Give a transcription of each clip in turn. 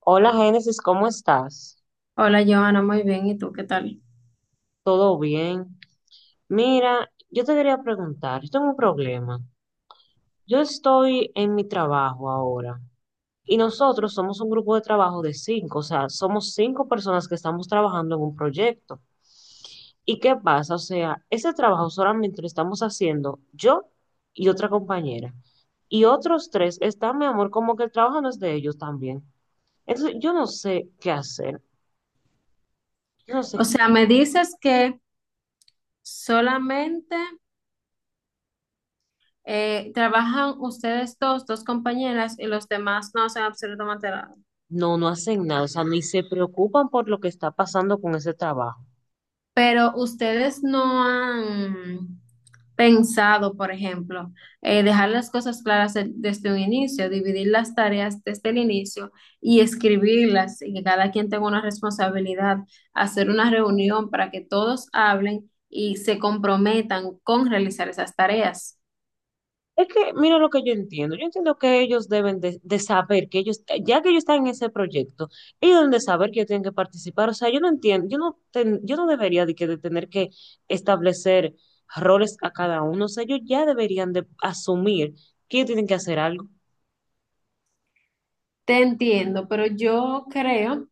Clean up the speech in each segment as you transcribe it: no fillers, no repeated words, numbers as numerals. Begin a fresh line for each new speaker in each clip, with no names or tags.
Hola Génesis, ¿cómo estás?
Hola, Johanna, muy bien. ¿Y tú qué tal?
¿Todo bien? Mira, yo te quería preguntar, yo tengo un problema. Yo estoy en mi trabajo ahora y nosotros somos un grupo de trabajo de cinco, o sea, somos cinco personas que estamos trabajando en un proyecto. ¿Y qué pasa? O sea, ese trabajo solamente lo estamos haciendo yo y otra compañera. Y otros tres están, mi amor, como que el trabajo no es de ellos también. Entonces, yo no sé qué hacer. Yo no sé.
O sea, me dices que solamente trabajan ustedes dos, dos compañeras, y los demás no hacen absolutamente nada.
No, no hacen nada, o sea, ni se preocupan por lo que está pasando con ese trabajo.
Pero ustedes no han pensado, por ejemplo, dejar las cosas claras desde un inicio, dividir las tareas desde el inicio y escribirlas, y que cada quien tenga una responsabilidad, hacer una reunión para que todos hablen y se comprometan con realizar esas tareas.
Es que, mira lo que yo entiendo que ellos deben de saber que ellos, ya que ellos están en ese proyecto, ellos deben de saber que ellos tienen que participar, o sea, yo no entiendo, yo no debería de tener que establecer roles a cada uno, o sea, ellos ya deberían de asumir que ellos tienen que hacer algo.
Te entiendo, pero yo creo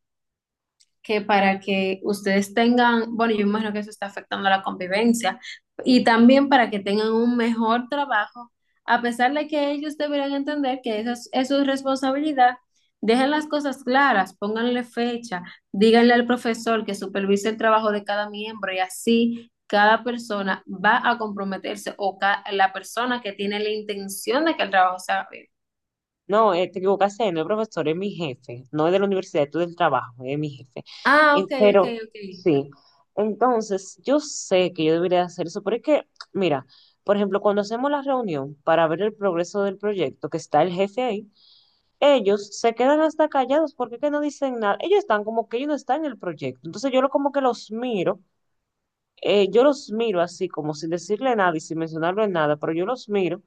que para que ustedes tengan, bueno, yo imagino que eso está afectando la convivencia y también para que tengan un mejor trabajo, a pesar de que ellos deberían entender que eso es responsabilidad, dejen las cosas claras, pónganle fecha, díganle al profesor que supervise el trabajo de cada miembro y así cada persona va a comprometerse o la persona que tiene la intención de que el trabajo sea bien.
No, te equivocaste, no el profesor, es mi jefe, no es de la universidad, es del trabajo, es mi jefe.
Ah,
Eh,
ok, ok,
pero
ok.
sí, entonces yo sé que yo debería hacer eso, pero es que, mira, por ejemplo, cuando hacemos la reunión para ver el progreso del proyecto, que está el jefe ahí, ellos se quedan hasta callados porque es que no dicen nada, ellos están como que ellos no están en el proyecto, entonces yo lo, como que los miro, así como sin decirle nada y sin mencionarlo en nada, pero yo los miro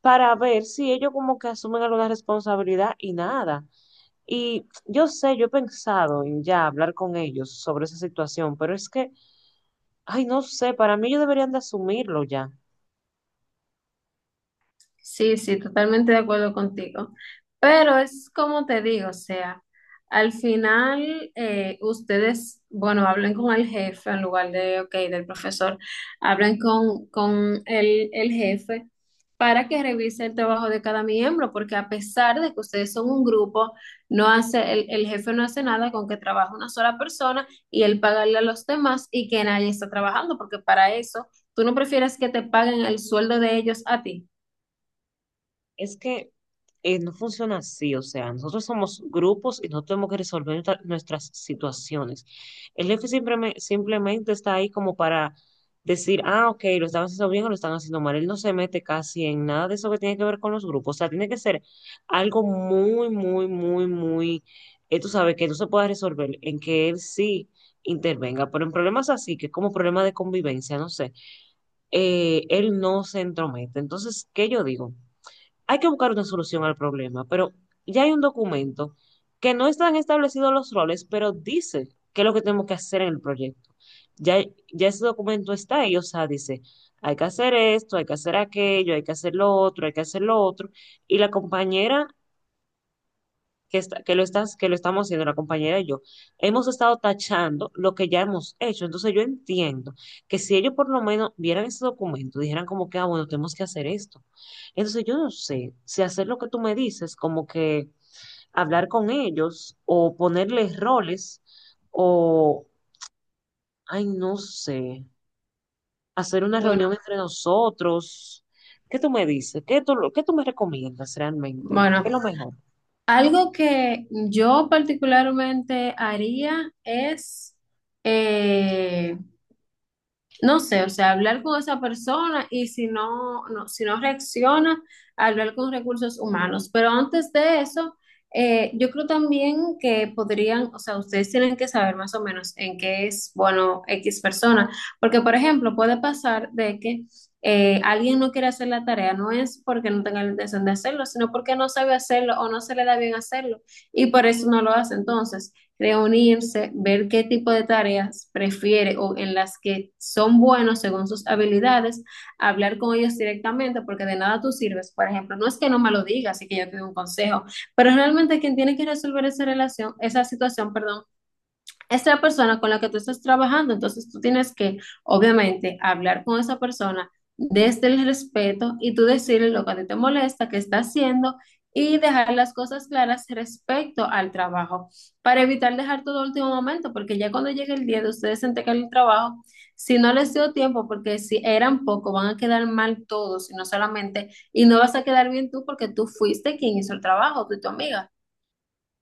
para ver si ellos como que asumen alguna responsabilidad y nada. Y yo sé, yo he pensado en ya hablar con ellos sobre esa situación, pero es que, ay, no sé, para mí ellos deberían de asumirlo ya.
Sí, sí, totalmente de acuerdo contigo. Pero es como te digo, o sea, al final ustedes, bueno, hablen con el jefe en lugar de, ok, del profesor, hablen con el jefe para que revise el trabajo de cada miembro, porque a pesar de que ustedes son un grupo, no hace, el jefe no hace nada con que trabaje una sola persona y él pagarle a los demás y que nadie está trabajando, porque para eso, tú no prefieres que te paguen el sueldo de ellos a ti.
Es que no funciona así, o sea, nosotros somos grupos y nosotros tenemos que resolver nuestras situaciones. El jefe simplemente está ahí como para decir, ah, ok, lo están haciendo bien o lo están haciendo mal. Él no se mete casi en nada de eso que tiene que ver con los grupos. O sea, tiene que ser algo muy, muy, muy, muy, tú sabes, que no se pueda resolver, en que él sí intervenga. Pero en problemas así, que es como problema de convivencia, no sé, él no se entromete. Entonces, ¿qué yo digo? Hay que buscar una solución al problema, pero ya hay un documento que no están establecidos los roles, pero dice qué es lo que tenemos que hacer en el proyecto. Ya, ya ese documento está ahí, o sea, dice, hay que hacer esto, hay que hacer aquello, hay que hacer lo otro, hay que hacer lo otro. Y la compañera que, está- que lo estás, que lo estamos haciendo la compañera y yo, hemos estado tachando lo que ya hemos hecho. Entonces yo entiendo que si ellos por lo menos vieran ese documento, dijeran como que, ah, bueno, tenemos que hacer esto. Entonces yo no sé si hacer lo que tú me dices, como que hablar con ellos o ponerles roles o, ay, no sé, hacer una reunión entre nosotros. ¿Qué tú me dices? ¿Qué tú me recomiendas realmente? ¿Qué es
Bueno,
lo mejor?
algo que yo particularmente haría es, eh, no sé, o sea, hablar con esa persona y si no reacciona, hablar con recursos humanos. Pero antes de eso, yo creo también que podrían, o sea, ustedes tienen que saber más o menos en qué es bueno X persona. Porque, por ejemplo, puede pasar de que alguien no quiere hacer la tarea, no es porque no tenga la intención de hacerlo, sino porque no sabe hacerlo o no se le da bien hacerlo y por eso no lo hace. Entonces, reunirse, ver qué tipo de tareas prefiere o en las que son buenos según sus habilidades, hablar con ellos directamente, porque de nada tú sirves. Por ejemplo, no es que no me lo digas y que yo te dé un consejo, pero realmente quien tiene que resolver esa relación, esa situación, perdón, es la persona con la que tú estás trabajando, entonces tú tienes que, obviamente, hablar con esa persona desde el respeto y tú decirle lo que a ti te molesta, qué está haciendo y dejar las cosas claras respecto al trabajo para evitar dejar todo el último momento, porque ya cuando llegue el día de ustedes entregar el trabajo, si no les dio tiempo, porque si eran poco, van a quedar mal todos y no solamente, y no vas a quedar bien tú porque tú fuiste quien hizo el trabajo, tú y tu amiga.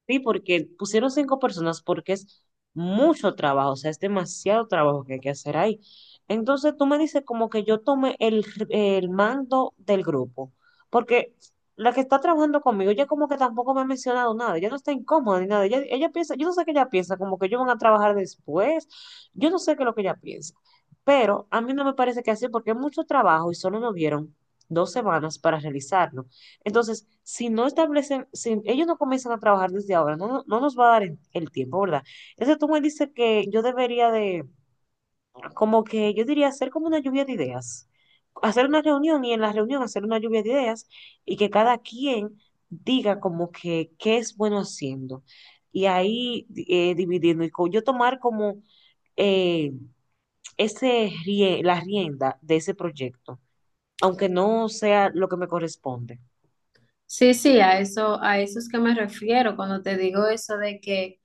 Sí, porque pusieron cinco personas porque es mucho trabajo, o sea, es demasiado trabajo que hay que hacer ahí. Entonces tú me dices como que yo tome el mando del grupo, porque la que está trabajando conmigo, ella como que tampoco me ha mencionado nada, ella no está incómoda ni nada, ella piensa, yo no sé qué ella piensa, como que ellos van a trabajar después, yo no sé qué es lo que ella piensa, pero a mí no me parece que así porque es mucho trabajo y solo nos dieron 2 semanas para realizarlo. Entonces, si no establecen, si ellos no comienzan a trabajar desde ahora, no nos va a dar el tiempo, ¿verdad? Entonces tú me dices que yo debería de, como que yo diría hacer como una lluvia de ideas, hacer una reunión y en la reunión hacer una lluvia de ideas y que cada quien diga como que qué es bueno haciendo. Y ahí dividiendo y yo tomar como eh, la rienda de ese proyecto, aunque no sea lo que me corresponde.
Sí, sí, a eso es que me refiero cuando te digo eso de que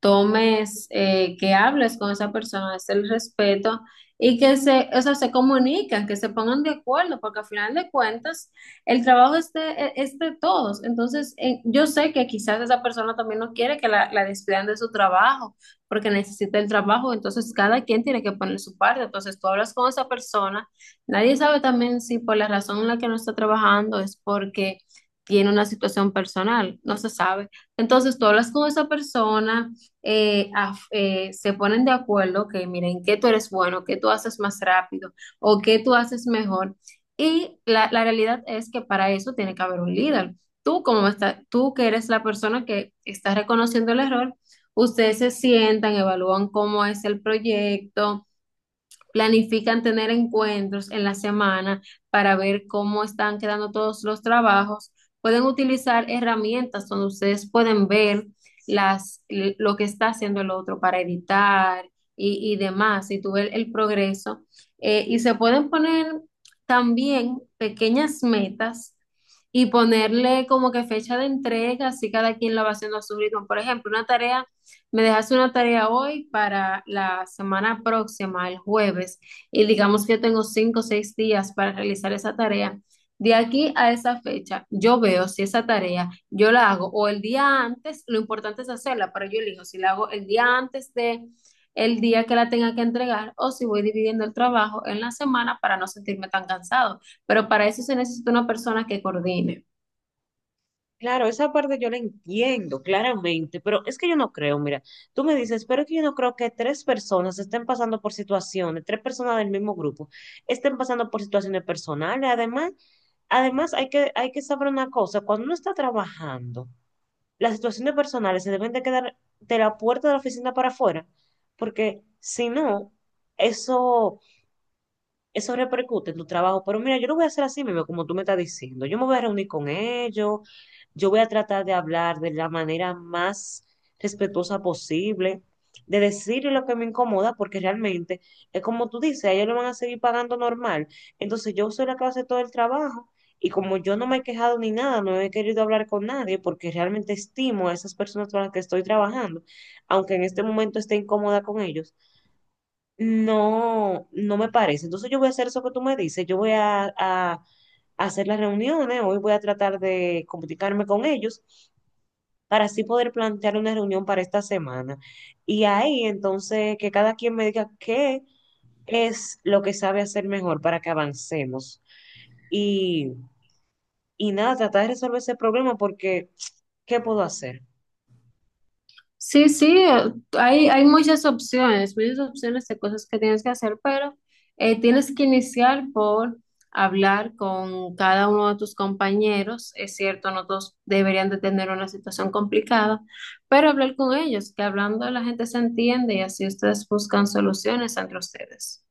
tomes, que hables con esa persona, es el respeto y que se, o sea, se comuniquen, que se pongan de acuerdo, porque al final de cuentas el trabajo es de todos. Entonces, yo sé que quizás esa persona también no quiere que la despidan de su trabajo, porque necesita el trabajo, entonces cada quien tiene que poner su parte. Entonces, tú hablas con esa persona, nadie sabe también si por la razón en la que no está trabajando es porque tiene una situación personal, no se sabe. Entonces, tú hablas con esa persona se ponen de acuerdo que miren que tú eres bueno, que tú haces más rápido o que tú haces mejor. Y la realidad es que para eso tiene que haber un líder. Tú, como está, tú que eres la persona que está reconociendo el error, ustedes se sientan, evalúan cómo es el proyecto. Planifican tener encuentros en la semana para ver cómo están quedando todos los trabajos. Pueden utilizar herramientas donde ustedes pueden ver las, lo que está haciendo el otro para editar y demás, y tú ver el progreso. Y se pueden poner también pequeñas metas y ponerle como que fecha de entrega, así cada quien la va haciendo a su ritmo. Por ejemplo, una tarea me dejas una tarea hoy para la semana próxima, el jueves, y digamos que yo tengo 5 o 6 días para realizar esa tarea. De aquí a esa fecha, yo veo si esa tarea yo la hago o el día antes, lo importante es hacerla, pero yo elijo si la hago el día antes de el día que la tenga que entregar o si voy dividiendo el trabajo en la semana para no sentirme tan cansado. Pero para eso se necesita una persona que coordine.
Claro, esa parte yo la entiendo claramente, pero es que yo no creo, mira, tú me dices, pero es que yo no creo que tres personas estén pasando por situaciones, tres personas del mismo grupo estén pasando por situaciones personales. Además, hay que saber una cosa, cuando uno está trabajando, las situaciones personales se deben de quedar de la puerta de la oficina para afuera, porque si no, eso eso repercute en tu trabajo, pero mira, yo lo voy a hacer así mismo, como tú me estás diciendo. Yo me voy a reunir con ellos, yo voy a tratar de hablar de la manera más respetuosa posible, de decirle lo que me incomoda, porque realmente es como tú dices, a ellos lo van a seguir pagando normal. Entonces yo soy la que hace todo el trabajo. Y como yo no me he quejado ni nada, no he querido hablar con nadie porque realmente estimo a esas personas con las que estoy trabajando, aunque en este momento esté incómoda con ellos no, no me parece. Entonces yo voy a hacer eso que tú me dices. Yo voy a hacer las reuniones, hoy voy a tratar de comunicarme con ellos para así poder plantear una reunión para esta semana. Y ahí entonces que cada quien me diga qué es lo que sabe hacer mejor para que avancemos. Y, y nada, tratar de resolver ese problema porque ¿qué puedo hacer?
Sí, sí, hay, hay muchas opciones de cosas que tienes que hacer, pero tienes que iniciar por hablar con cada uno de tus compañeros. Es cierto, no todos deberían de tener una situación complicada, pero hablar con ellos, que hablando la gente se entiende y así ustedes buscan soluciones entre ustedes.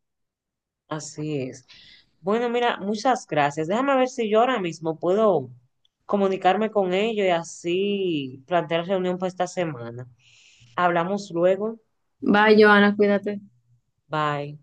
Así es. Bueno, mira, muchas gracias. Déjame ver si yo ahora mismo puedo comunicarme con ellos y así plantear reunión para esta semana. Hablamos luego.
Bye, Joana, cuídate.
Bye.